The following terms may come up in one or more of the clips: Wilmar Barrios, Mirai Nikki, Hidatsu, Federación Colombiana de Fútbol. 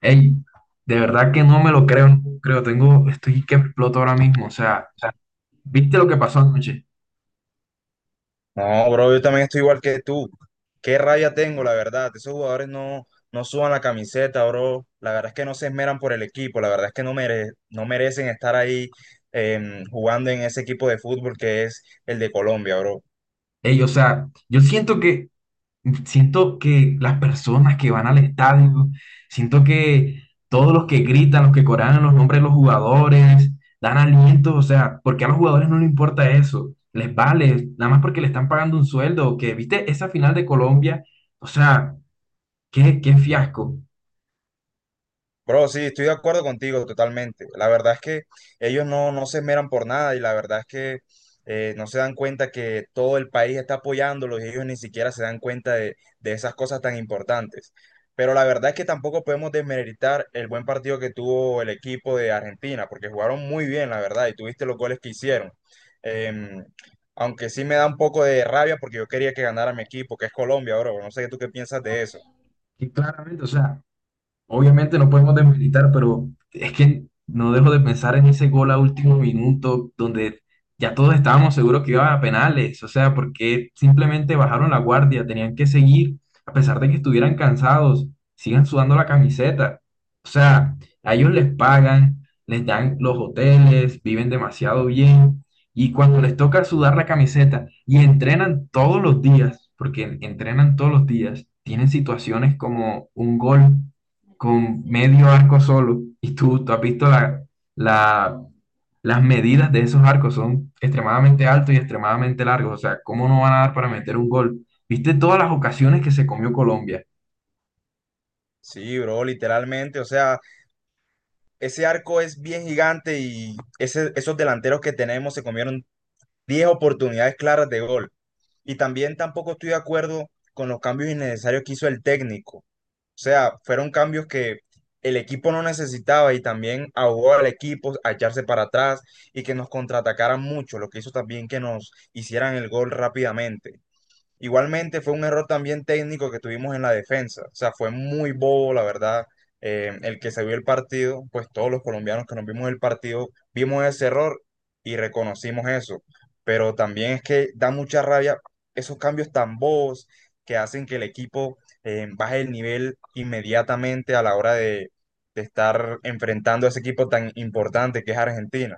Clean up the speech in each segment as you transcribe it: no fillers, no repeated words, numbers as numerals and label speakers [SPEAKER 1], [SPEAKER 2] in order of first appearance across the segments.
[SPEAKER 1] Ey, de verdad que no me lo creo, no lo creo, estoy que exploto ahora mismo, o sea,
[SPEAKER 2] sea,
[SPEAKER 1] ¿viste lo que pasó anoche?
[SPEAKER 2] No, bro, yo también estoy igual que tú. Qué rabia tengo, la verdad. Esos jugadores no suban la camiseta, bro. La verdad es que no se esmeran por el equipo. La verdad es que no merecen estar ahí jugando en ese equipo de fútbol que es el de Colombia, bro.
[SPEAKER 1] Ey, o sea, siento que las personas que van al estadio, siento que todos los que gritan, los que corean los nombres de los jugadores, dan alientos, o sea, ¿porque a los jugadores no les importa eso? Les vale, nada más porque le están pagando un sueldo, que, ¿viste? Esa final de Colombia, o sea, qué fiasco.
[SPEAKER 2] Bro, sí, estoy de acuerdo contigo totalmente. La verdad es que ellos no se esmeran por nada, y la verdad es que no se dan cuenta que todo el país está apoyándolos y ellos ni siquiera se dan cuenta de esas cosas tan importantes. Pero la verdad es que tampoco podemos desmeritar el buen partido que tuvo el equipo de Argentina, porque jugaron muy bien, la verdad, y tuviste los goles que hicieron. Em, Aunque sí me da un poco de rabia porque yo quería que ganara mi equipo, que es Colombia, bro. No sé tú qué piensas de eso.
[SPEAKER 1] Y claramente, o sea, obviamente no podemos desmilitar, pero es que no dejo de pensar en ese gol a último minuto donde ya todos estábamos seguros que iban a penales, o sea, porque simplemente bajaron la guardia, tenían que seguir, a pesar de que estuvieran cansados, sigan sudando la camiseta. O sea, a ellos les pagan, les dan los hoteles, viven demasiado bien, y cuando les toca sudar la camiseta y entrenan todos los días, porque entrenan todos los días, tienen situaciones como un gol con medio arco solo. Y tú has visto la, las medidas de esos arcos, son extremadamente altos y extremadamente largos. O sea, ¿cómo no van a dar para meter un gol? ¿Viste todas las ocasiones que se comió Colombia?
[SPEAKER 2] Sí, bro, literalmente, o sea. Ese arco es bien gigante y esos delanteros que tenemos se comieron 10 oportunidades claras de gol. Y también tampoco estoy de acuerdo con los cambios innecesarios que hizo el técnico. O sea, fueron cambios que el equipo no necesitaba, y también ahogó al equipo a echarse para atrás y que nos contraatacaran mucho, lo que hizo también que nos hicieran el gol rápidamente. Igualmente fue un error también técnico que tuvimos en la defensa. O sea, fue muy bobo, la verdad. El que se vio el partido, pues todos los colombianos que nos vimos el partido, vimos ese error y reconocimos eso. Pero también es que da mucha rabia esos cambios tan bobos que hacen que el equipo baje el nivel inmediatamente a la hora de estar enfrentando a ese equipo tan importante que es Argentina.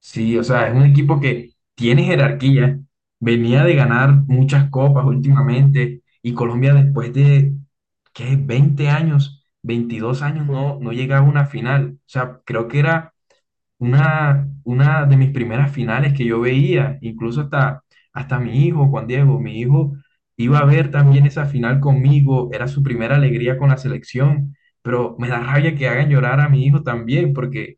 [SPEAKER 1] Sí, o sea, es un equipo que tiene jerarquía, venía de ganar muchas copas últimamente y Colombia después de, ¿qué? Veinte años, 22 años no llegaba a una final. O sea, creo que era una de mis primeras finales que yo veía, incluso hasta mi hijo, Juan Diego, mi hijo iba a ver también esa final conmigo, era su primera alegría con la selección, pero me da rabia que hagan llorar a mi hijo también, porque,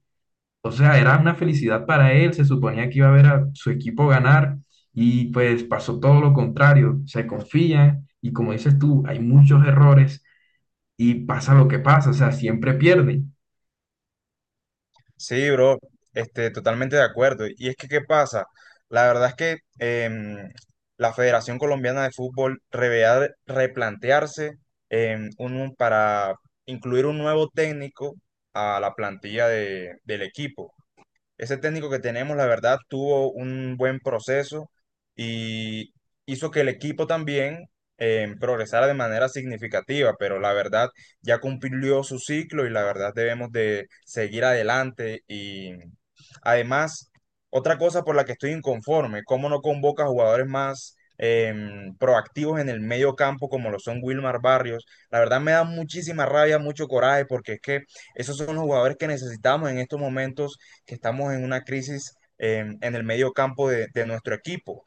[SPEAKER 1] o sea, era una felicidad para él, se suponía que iba a ver a su equipo ganar y pues pasó todo lo contrario, se confían y como dices tú, hay muchos errores y pasa lo que pasa, o sea, siempre pierden.
[SPEAKER 2] Sí, bro, totalmente de acuerdo. Y es que, ¿qué pasa? La verdad es que la Federación Colombiana de Fútbol debería replantearse, para incluir un nuevo técnico a la plantilla del equipo. Ese técnico que tenemos, la verdad, tuvo un buen proceso, y hizo que el equipo también progresara de manera significativa, pero la verdad ya cumplió su ciclo y la verdad debemos de seguir adelante. Y además, otra cosa por la que estoy inconforme, cómo no convoca jugadores más proactivos en el medio campo como lo son Wilmar Barrios. La verdad me da muchísima rabia, mucho coraje, porque es que esos son los jugadores que necesitamos en estos momentos, que estamos en una crisis en el medio campo de nuestro equipo,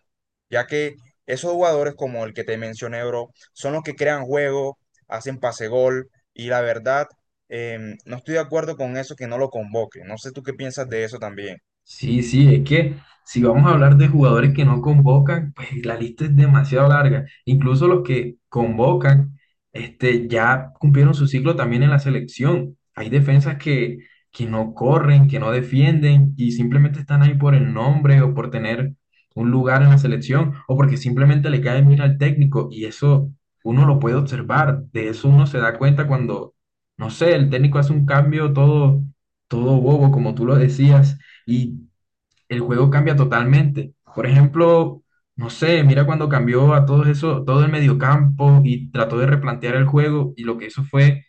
[SPEAKER 2] ya que esos jugadores como el que te mencioné, bro, son los que crean juego, hacen pase gol, y la verdad, no estoy de acuerdo con eso que no lo convoque. No sé tú qué piensas de eso también.
[SPEAKER 1] Sí, sí, es que si vamos a hablar de jugadores que no convocan, pues la lista es demasiado larga. Incluso los que convocan, este, ya cumplieron su ciclo también en la selección. Hay defensas que no corren, que no defienden y simplemente están ahí por el nombre o por tener un lugar en la selección o porque simplemente le cae bien al técnico y eso uno lo puede observar. De eso uno se da cuenta cuando, no sé, el técnico hace un cambio todo bobo, como tú lo decías, y el juego cambia totalmente. Por ejemplo, no sé, mira cuando cambió a todo eso, todo el mediocampo y trató de replantear el juego y lo que hizo fue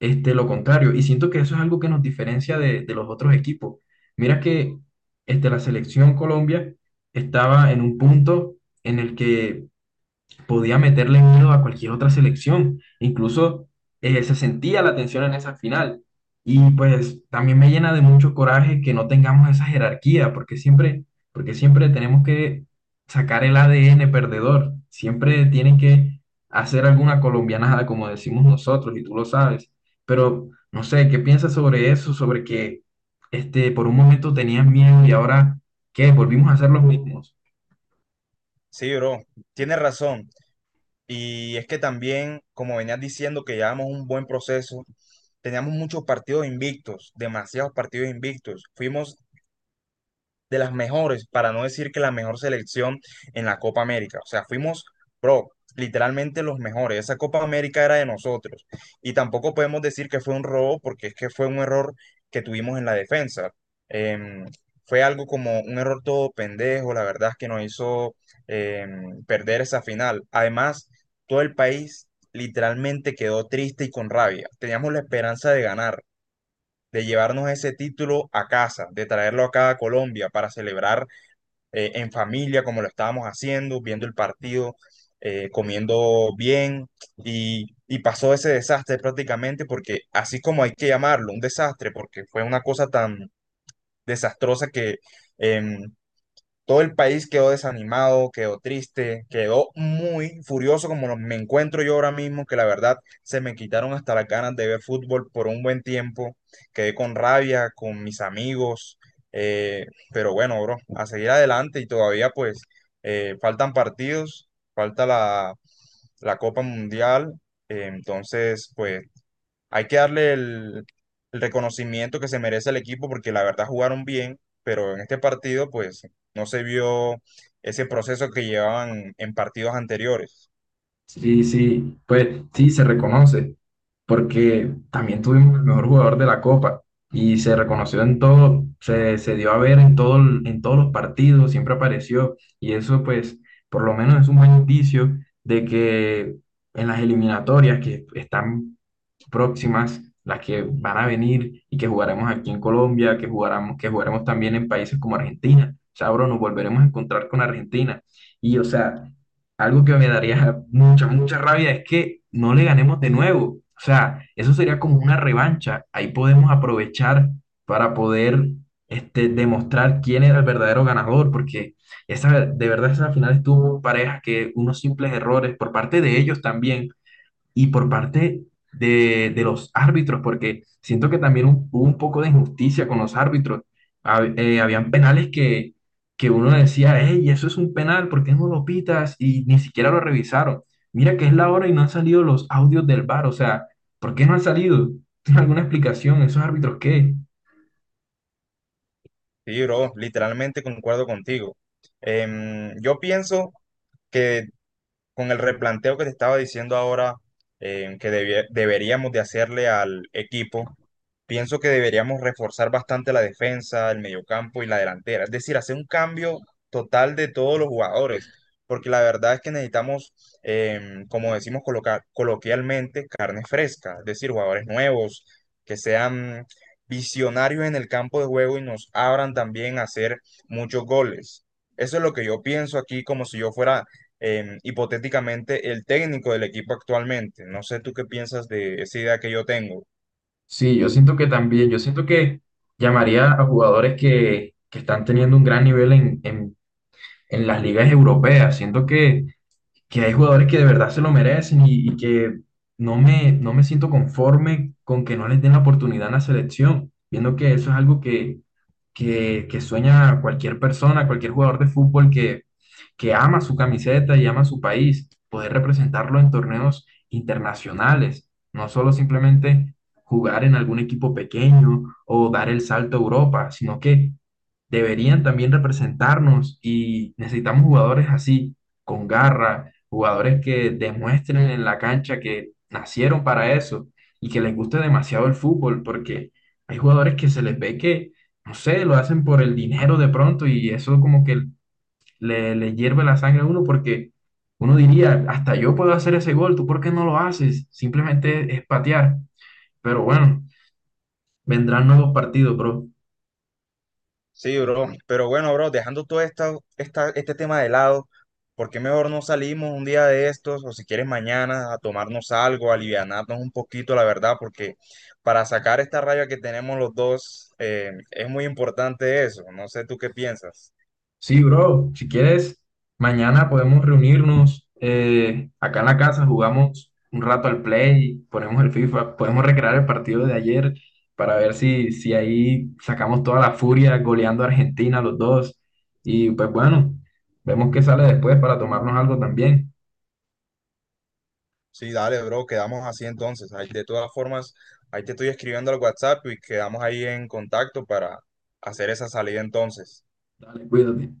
[SPEAKER 1] este, lo contrario. Y siento que eso es algo que nos diferencia de los otros equipos. Mira que este, la selección Colombia estaba en un punto en el que podía meterle miedo a cualquier otra selección. Incluso se sentía la tensión en esa final. Y pues también me llena de mucho coraje que no tengamos esa jerarquía, porque siempre, tenemos que sacar el ADN perdedor. Siempre tienen que hacer alguna colombianada, como decimos nosotros, y tú lo sabes. Pero no sé, ¿qué piensas sobre eso? Sobre que este, por un momento tenían miedo y ahora, ¿qué? Volvimos a ser los mismos.
[SPEAKER 2] Sí, bro, tienes razón. Y es que también, como venías diciendo, que llevamos un buen proceso, teníamos muchos partidos invictos, demasiados partidos invictos. Fuimos de las mejores, para no decir que la mejor selección en la Copa América. O sea, fuimos, bro, literalmente los mejores. Esa Copa América era de nosotros. Y tampoco podemos decir que fue un robo, porque es que fue un error que tuvimos en la defensa. Em, fue algo como un error todo pendejo, la verdad es que nos hizo perder esa final. Además, todo el país literalmente quedó triste y con rabia. Teníamos la esperanza de ganar, de llevarnos ese título a casa, de traerlo acá a Colombia para celebrar en familia como lo estábamos haciendo, viendo el partido, comiendo bien, y pasó ese desastre prácticamente, porque así como hay que llamarlo un desastre, porque fue una cosa tan desastrosa que em, todo el país quedó desanimado, quedó triste, quedó muy furioso como me encuentro yo ahora mismo, que la verdad se me quitaron hasta las ganas de ver fútbol por un buen tiempo. Quedé con rabia, con mis amigos, eh, pero bueno, bro, a seguir adelante, y todavía pues faltan partidos, falta la Copa Mundial, entonces pues hay que darle el reconocimiento que se merece al equipo, porque la verdad jugaron bien, pero en este partido pues no se vio ese proceso que llevaban en partidos anteriores.
[SPEAKER 1] Sí, sí, pues sí, se reconoce, porque también tuvimos el mejor jugador de la Copa y se reconoció en todo, se dio a ver en todo, en todos los partidos, siempre apareció y eso pues por lo menos es un buen indicio de que en las eliminatorias que están próximas, las que van a venir y que jugaremos aquí en Colombia, que jugaremos también en países como Argentina. O sea, bro, nos volveremos a encontrar con Argentina. Y, o sea, algo que me daría mucha, mucha rabia es que no le ganemos de nuevo. O sea, eso sería como una revancha. Ahí podemos aprovechar para poder este, demostrar quién era el verdadero ganador, porque esa, de verdad esa final estuvo pareja, que unos simples errores por parte de ellos también y por parte de los árbitros, porque siento que también hubo un poco de injusticia con los árbitros. Habían penales que uno decía, hey, eso es un penal, ¿por qué no lo pitas? Y ni siquiera lo revisaron. Mira que es la hora y no han salido los audios del VAR, o sea, ¿por qué no han salido? ¿Tienes alguna explicación? ¿Esos árbitros qué?
[SPEAKER 2] Sí, bro, literalmente concuerdo contigo. Yo pienso que con el replanteo que te estaba diciendo ahora, que deberíamos de hacerle al equipo, pienso que deberíamos reforzar bastante la defensa, el mediocampo y la delantera. Es decir, hacer un cambio total de todos los jugadores, porque la verdad es que necesitamos, como decimos coloquialmente, carne fresca, es decir, jugadores nuevos, que sean visionarios en el campo de juego y nos abran también a hacer muchos goles. Eso es lo que yo pienso aquí, como si yo fuera hipotéticamente el técnico del equipo actualmente. No sé tú qué piensas de esa idea que yo tengo.
[SPEAKER 1] Sí, yo siento que también, yo siento que llamaría a jugadores que están teniendo un gran nivel en las ligas europeas. Siento que hay jugadores que de verdad se lo merecen y que no me siento conforme con que no les den la oportunidad en la selección, viendo que eso es algo que sueña cualquier persona, cualquier jugador de fútbol que ama su camiseta y ama su país, poder representarlo en torneos internacionales, no solo simplemente jugar en algún equipo pequeño o dar el salto a Europa, sino que deberían también representarnos y necesitamos jugadores así, con garra, jugadores que demuestren en la cancha que nacieron para eso y que les guste demasiado el fútbol, porque hay jugadores que se les ve que, no sé, lo hacen por el dinero de pronto y eso como que le hierve la sangre a uno porque uno diría, hasta yo puedo hacer ese gol, ¿tú por qué no lo haces? Simplemente es patear, pero bueno, vendrán nuevos partidos, bro.
[SPEAKER 2] Sí, bro. Pero bueno, bro, dejando todo este tema de lado, ¿por qué mejor no salimos un día de estos, o si quieres mañana, a tomarnos algo, a alivianarnos un poquito, la verdad? Porque para sacar esta raya que tenemos los dos, es muy importante eso. No sé tú qué piensas.
[SPEAKER 1] Sí, bro, si quieres, mañana podemos reunirnos acá en la casa, jugamos un rato al Play, ponemos el FIFA, podemos recrear el partido de ayer para ver si, ahí sacamos toda la furia goleando a Argentina los dos. Y pues bueno, vemos qué sale después para tomarnos algo también.
[SPEAKER 2] Sí, dale, bro, quedamos así entonces. Ahí, de todas formas, ahí te estoy escribiendo al WhatsApp y quedamos ahí en contacto para hacer esa salida entonces.
[SPEAKER 1] Dale, cuídate.